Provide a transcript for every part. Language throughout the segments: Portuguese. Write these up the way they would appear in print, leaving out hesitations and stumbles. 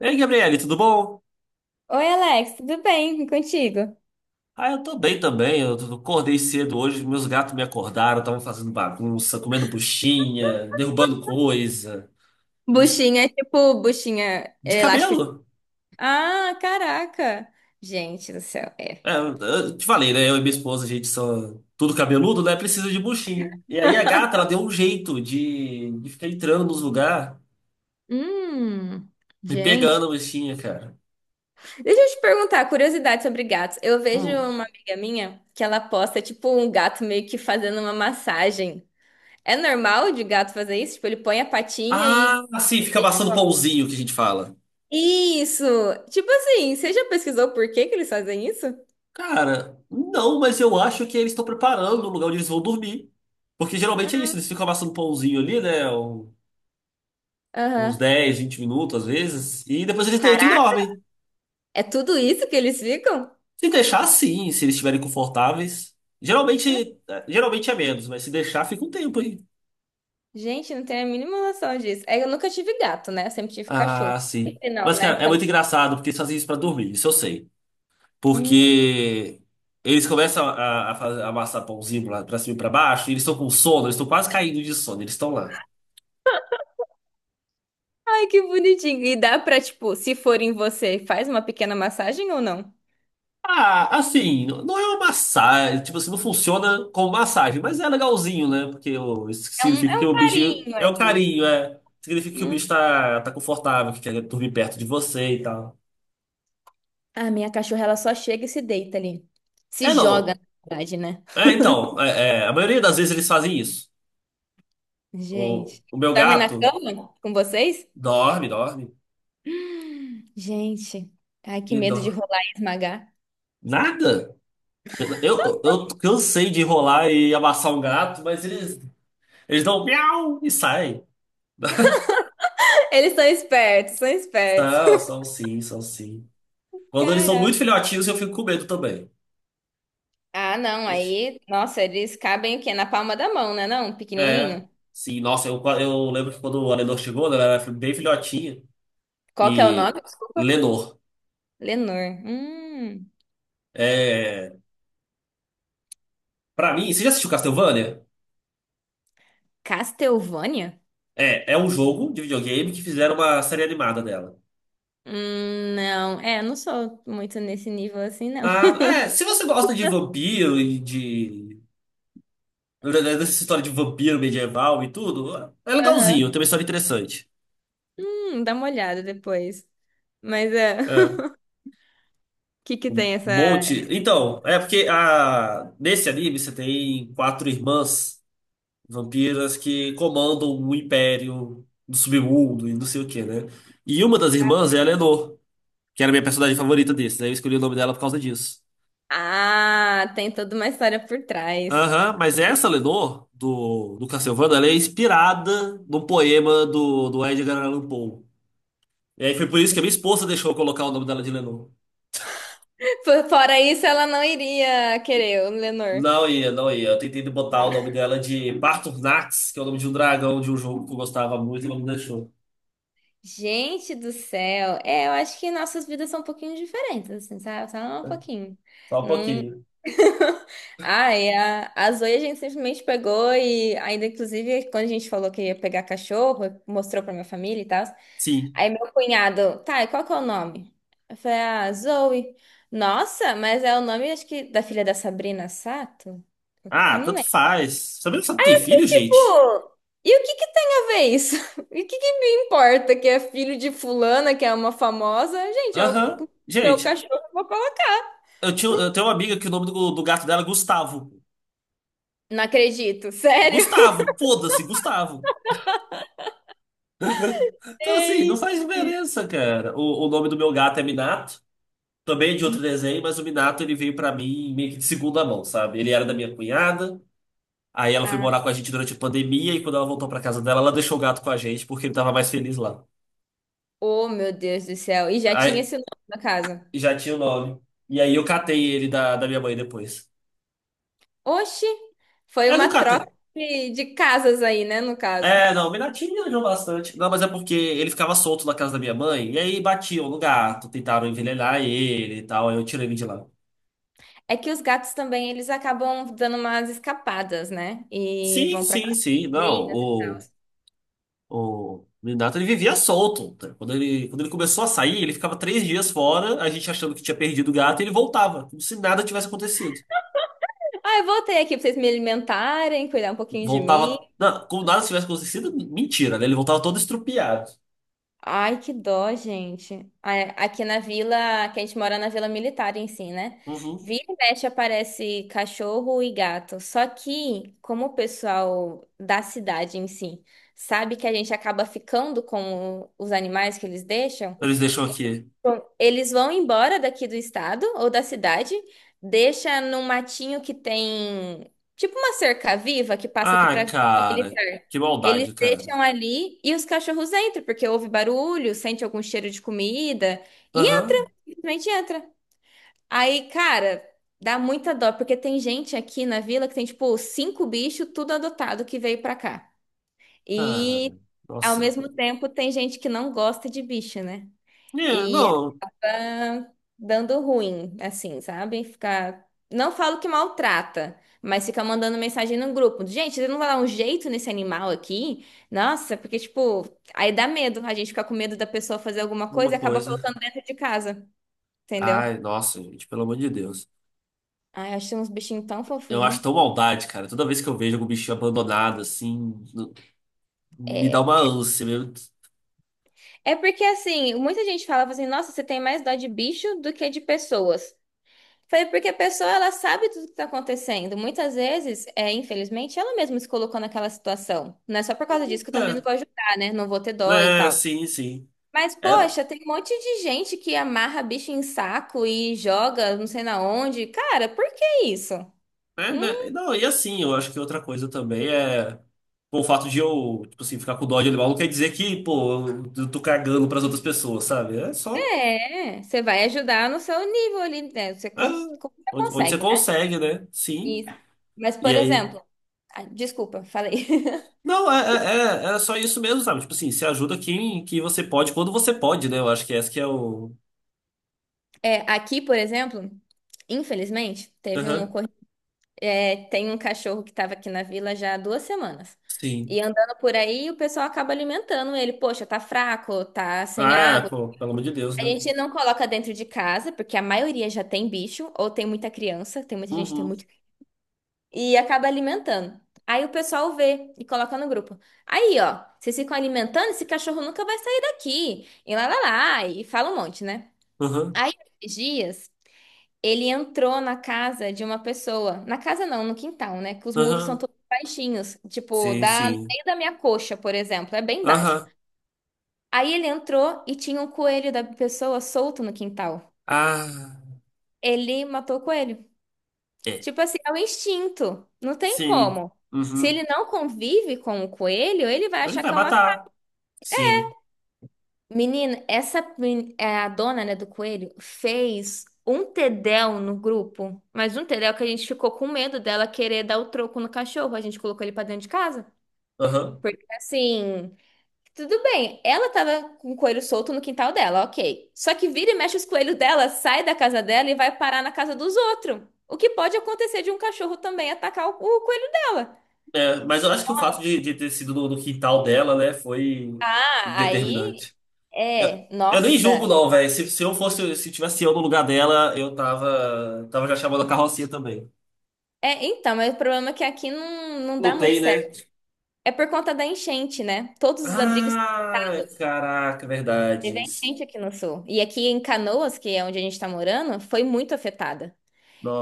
Ei, Gabriele, tudo bom? Oi, Alex, tudo bem? E contigo? Ah, eu tô bem também. Acordei cedo hoje, meus gatos me acordaram, estavam fazendo bagunça, comendo buchinha, derrubando coisa. Eles Buchinha é tipo buchinha de elástico. De- cabelo. Ah, caraca! Gente do céu, é. É, eu te falei, né? Eu e minha esposa, a gente são tudo cabeludo, né? Precisa de buchinho. E aí a gata, ela deu um jeito de ficar entrando nos lugares, Hum, me gente. pegando a buchinha, cara. Deixa eu te perguntar, curiosidade sobre gatos. Eu vejo Hum. uma amiga minha que ela posta tipo um gato meio que fazendo uma massagem. É normal de gato fazer isso? Tipo, ele põe a patinha Ah, e. assim, fica amassando pãozinho que a gente fala. Isso! Tipo assim, você já pesquisou por que que eles fazem isso? Cara, não, mas eu acho que eles estão preparando o lugar onde eles vão dormir. Porque geralmente é isso, eles ficam amassando um pãozinho ali, né? Uns Aham. 10, 20 minutos às vezes, e depois eles deitam e Caraca. dormem. É tudo isso que eles ficam? Se deixar, sim, se eles estiverem confortáveis. Geralmente, geralmente é menos, mas se deixar, fica um tempo aí. Gente, não tenho a mínima noção disso. É, eu nunca tive gato, né? Eu sempre tive Ah, cachorro. sim. E não, Mas, né? cara, é Também. muito engraçado porque eles fazem isso pra dormir, isso eu sei. Hum, Porque eles começam a a amassar pãozinho pra cima e pra baixo, e eles estão com sono, eles estão quase caindo de sono, eles estão lá. ai, que bonitinho. E dá pra, tipo, se for em você, faz uma pequena massagem ou não? Ah, assim, não é uma massagem, tipo assim, não funciona como massagem, mas é legalzinho, né? Porque isso É um, significa é que um o bicho carinho é um ali. carinho, é. Significa que o Hum. bicho tá confortável, que quer dormir perto de você e tal. A minha cachorra, ela só chega e se deita ali. Se É, joga, não. na verdade, né? É, então, é, é, a maioria das vezes eles fazem isso. O, Gente. o meu Dorme na gato cama com vocês? dorme Gente. Ai, que e medo de dorme. rolar e esmagar. Nada. Eu cansei de enrolar e amassar um gato, mas eles dão miau e saem. Eles são espertos, são espertos. São, são sim, são sim. Quando eles são Caraca. muito filhotinhos, eu fico com medo também. Ah, não, aí, nossa, eles cabem o quê? Na palma da mão, né? Não, É, pequenininho. sim, nossa, eu lembro que quando a Lenor chegou, né, ela era bem filhotinha. Qual que é o nome? E Desculpa. Lenor, Lenor. É, pra mim, você já assistiu Castlevania? Castlevania? É, é um jogo de videogame que fizeram uma série animada dela. Não, é, eu não sou muito nesse nível assim, não. Ah, é, se você gosta de vampiro e de dessa história de vampiro medieval e tudo, é Aham. legalzinho, tem uma história interessante. Dá uma olhada depois. Mas é, o É, que que um tem essa... monte. Então, é porque a, nesse anime você tem quatro irmãs. Vampiras que comandam um império do submundo e não sei o que, né? E uma das irmãs é a Lenor, que era a minha personagem favorita desses. Aí eu escolhi o nome dela por causa disso. Ah, tem toda uma história por trás. Aham, mas essa Lenor, do Castlevania, ela é inspirada num poema do Edgar Allan Poe. E aí foi por isso que a minha esposa deixou eu colocar o nome dela de Lenor. Fo- Fora isso, ela não iria querer o Lenor. Não ia, não ia. Eu tentei botar o nome dela de Barturnax, que é o nome de um dragão de um jogo que eu gostava muito e não me deixou. Gente do céu, é, eu acho que nossas vidas são um pouquinho diferentes, assim, sabe? Só um pouquinho. Só um Não... pouquinho. Ai, a Zoe a gente simplesmente pegou e ainda, inclusive, quando a gente falou que ia pegar cachorro, mostrou pra minha família e tal. Sim. Aí meu cunhado, tá, e qual que é o nome? Eu falei, ah, Zoe. Nossa, mas é o nome, acho que, da filha da Sabrina Sato? Eu Ah, não tanto lembro. faz. Sabia que você não tem filho, gente? Tipo, e o que que tem a ver isso? E o que que me importa que é filho de fulana, que é uma famosa? Gente, é o Aham. meu Gente, cachorro, eu vou colocar. Eu tenho uma amiga que o nome do gato dela é Gustavo. Não acredito, sério? Gustavo, foda-se, Gustavo. Então, assim, não Ei, faz diferença, cara. O nome do meu gato é Minato, também é de outro desenho, mas o Minato ele veio pra mim meio que de segunda mão, sabe? Ele era da minha cunhada, aí ela foi ah, morar com a gente durante a pandemia, e quando ela voltou pra casa dela, ela deixou o gato com a gente porque ele tava mais feliz lá. oh meu Deus do céu. E já tinha Aí esse nome na casa. já tinha o nome. E aí eu catei ele da minha mãe depois. Oxi, foi Eu não uma catei. troca de casas aí, né, no caso. É, não, Minati me ajudou bastante. Não, mas é porque ele ficava solto na casa da minha mãe, e aí batiam no gato, tentaram envenenar ele e tal, aí eu tirei ele de lá. É que os gatos também, eles acabam dando umas escapadas, né? E Sim, vão pra sim, sim, não, casinhas e tal. O Minato ele vivia solto. Tá? Quando ele começou a sair, ele ficava três dias fora, a gente achando que tinha perdido o gato, e ele voltava, como se nada tivesse acontecido. Ah, eu voltei aqui pra vocês me alimentarem, cuidar um pouquinho de mim. Voltava, não, como nada tivesse acontecido, mentira, né? Ele voltava todo estrupiado. Ai, que dó, gente. A- Aqui na vila, que a gente mora na vila militar em si, né? Uhum. Vira e mexe aparece cachorro e gato. Só que, como o pessoal da cidade em si sabe que a gente acaba ficando com os animais que eles deixam, Eles deixam aqui. bom, eles vão embora daqui do estado ou da cidade, deixa num matinho que tem tipo uma cerca-viva que passa aqui Ah, para cara, militar. que Eles maldade, cara. deixam ali e os cachorros entram, porque ouve barulho, sente algum cheiro de comida e entra, Aham. simplesmente entra. Aí, cara, dá muita dó, porque tem gente aqui na vila que tem tipo cinco bichos, tudo adotado que veio pra cá. E Cara, ao nossa. mesmo tempo tem gente que não gosta de bicho, né? É, E não, tá dando ruim, assim, sabe? Ficar. Não falo que maltrata, mas fica mandando mensagem no grupo. Gente, você não vai dar um jeito nesse animal aqui? Nossa, porque, tipo, aí dá medo. A gente fica com medo da pessoa fazer alguma coisa uma e acaba coisa. colocando dentro de casa, entendeu? Ai, nossa, gente, pelo amor de Deus. Ai, acho uns bichinhos tão Eu acho fofinhos. tão maldade, cara. Toda vez que eu vejo algum bichinho abandonado, assim, no- me dá uma ânsia mesmo. É porque, assim, muita gente fala assim, nossa, você tem mais dó de bicho do que de pessoas. Falei, porque a pessoa, ela sabe tudo que tá acontecendo. Muitas vezes, é, infelizmente, ela mesma se colocou naquela situação. Não é só por causa disso que eu também não É, vou ajudar, né? Não vou ter dó e é, né, tal. sim, sim. Mas, Era, poxa, tem um monte de gente que amarra bicho em saco e joga não sei na onde. Cara, por que isso? é, né? Né. Não Não, e assim, eu acho que outra coisa também é. Pô, o fato de eu, tipo assim, ficar com dó de animal não quer dizer que, pô, eu tô cagando pras outras pessoas, sabe? É só. é. Você vai ajudar no seu nível ali, né? Você, É, cons- você onde, onde você consegue, né? consegue, né? Sim. Isso. Mas, E por aí. exemplo... ah, desculpa, falei. Não, é, é, é só isso mesmo, sabe? Tipo assim, se ajuda quem que você pode, quando você pode, né? Eu acho que esse que é o. É, aqui, por exemplo, infelizmente, teve um Aham, ocorrido. É, tem um cachorro que estava aqui na vila já há duas semanas. sim. E andando por aí, o pessoal acaba alimentando ele. Poxa, tá fraco, tá sem Ah, água. pô, pelo amor de Deus, A né? gente não coloca dentro de casa, porque a maioria já tem bicho, ou tem muita criança, tem muita gente que tem Uhum, muito. E acaba alimentando. Aí o pessoal vê e coloca no grupo. Aí, ó, vocês ficam alimentando, esse cachorro nunca vai sair daqui. E lá, lá, lá, e fala um monte, né? aham, Aí, esses dias. Ele entrou na casa de uma pessoa. Na casa não, no quintal, né? Que os muros são aham. todos baixinhos. Tipo, Sim, da, no sim. meio da minha coxa, por exemplo. É bem baixo. Aham. Aí ele entrou e tinha um coelho da pessoa solto no quintal. Ah, Ele matou o coelho. é. Tipo assim, é o instinto. Não tem Sim. como. Se ele Uhum. não convive com o coelho, ele vai Ele achar vai que é uma matar. Sim. menina, essa men- é, a dona, né, do coelho fez um tedéu no grupo, mas um tedéu que a gente ficou com medo dela querer dar o troco no cachorro. A gente colocou ele pra dentro de casa. Aham. Porque assim, tudo bem, ela tava com o coelho solto no quintal dela, ok. Só que vira e mexe os coelhos dela, sai da casa dela e vai parar na casa dos outros. O que pode acontecer de um cachorro também atacar o coelho dela. É, mas eu acho que o fato de ter sido no quintal dela, né, foi Ah, aí. determinante. Eu, É, eu nem julgo, nossa. não, velho. Se eu fosse, se tivesse eu no lugar dela, eu tava já chamando a carrocinha também. É, então, mas o problema é que aqui não, não dá Não muito tem, né? certo. É por conta da enchente, né? Todos os abrigos Ah, parados. caraca, Teve verdade. a enchente aqui no sul. E aqui em Canoas, que é onde a gente tá morando, foi muito afetada.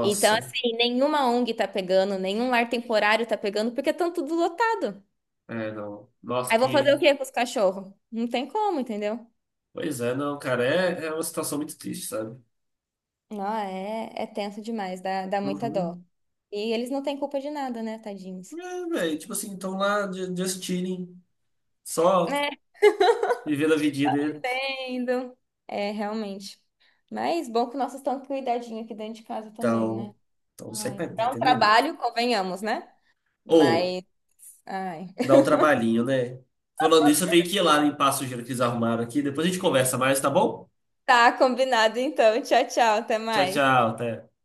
Então, assim, nenhuma ONG tá pegando, nenhum lar temporário tá pegando, porque estão tudo lotado. É, não. Nossa, Aí vou fazer o que. quê com os cachorros? Não tem como, entendeu? Pois é, não, cara. É, é uma situação muito triste, sabe? Não, é, é tenso demais, dá muita dó. Uhum. E eles não têm culpa de nada, né, tadinhos? É, velho. Tipo assim, just chilling, só É, vivendo a vidinha dele. entendo. É, realmente. Mas bom que nossos estão cuidadinho aqui dentro de casa também, Então, né? então não sei Ai, pra mim, para um entendeu, trabalho, convenhamos, né? amigo? Mas, ai. Dá um trabalhinho, né? Falando nisso, eu tenho que ir lá limpar a sujeira que eles arrumaram aqui. Depois a gente conversa mais, tá bom? Tá combinado então. Tchau, tchau. Até Tchau, tchau. mais. Até.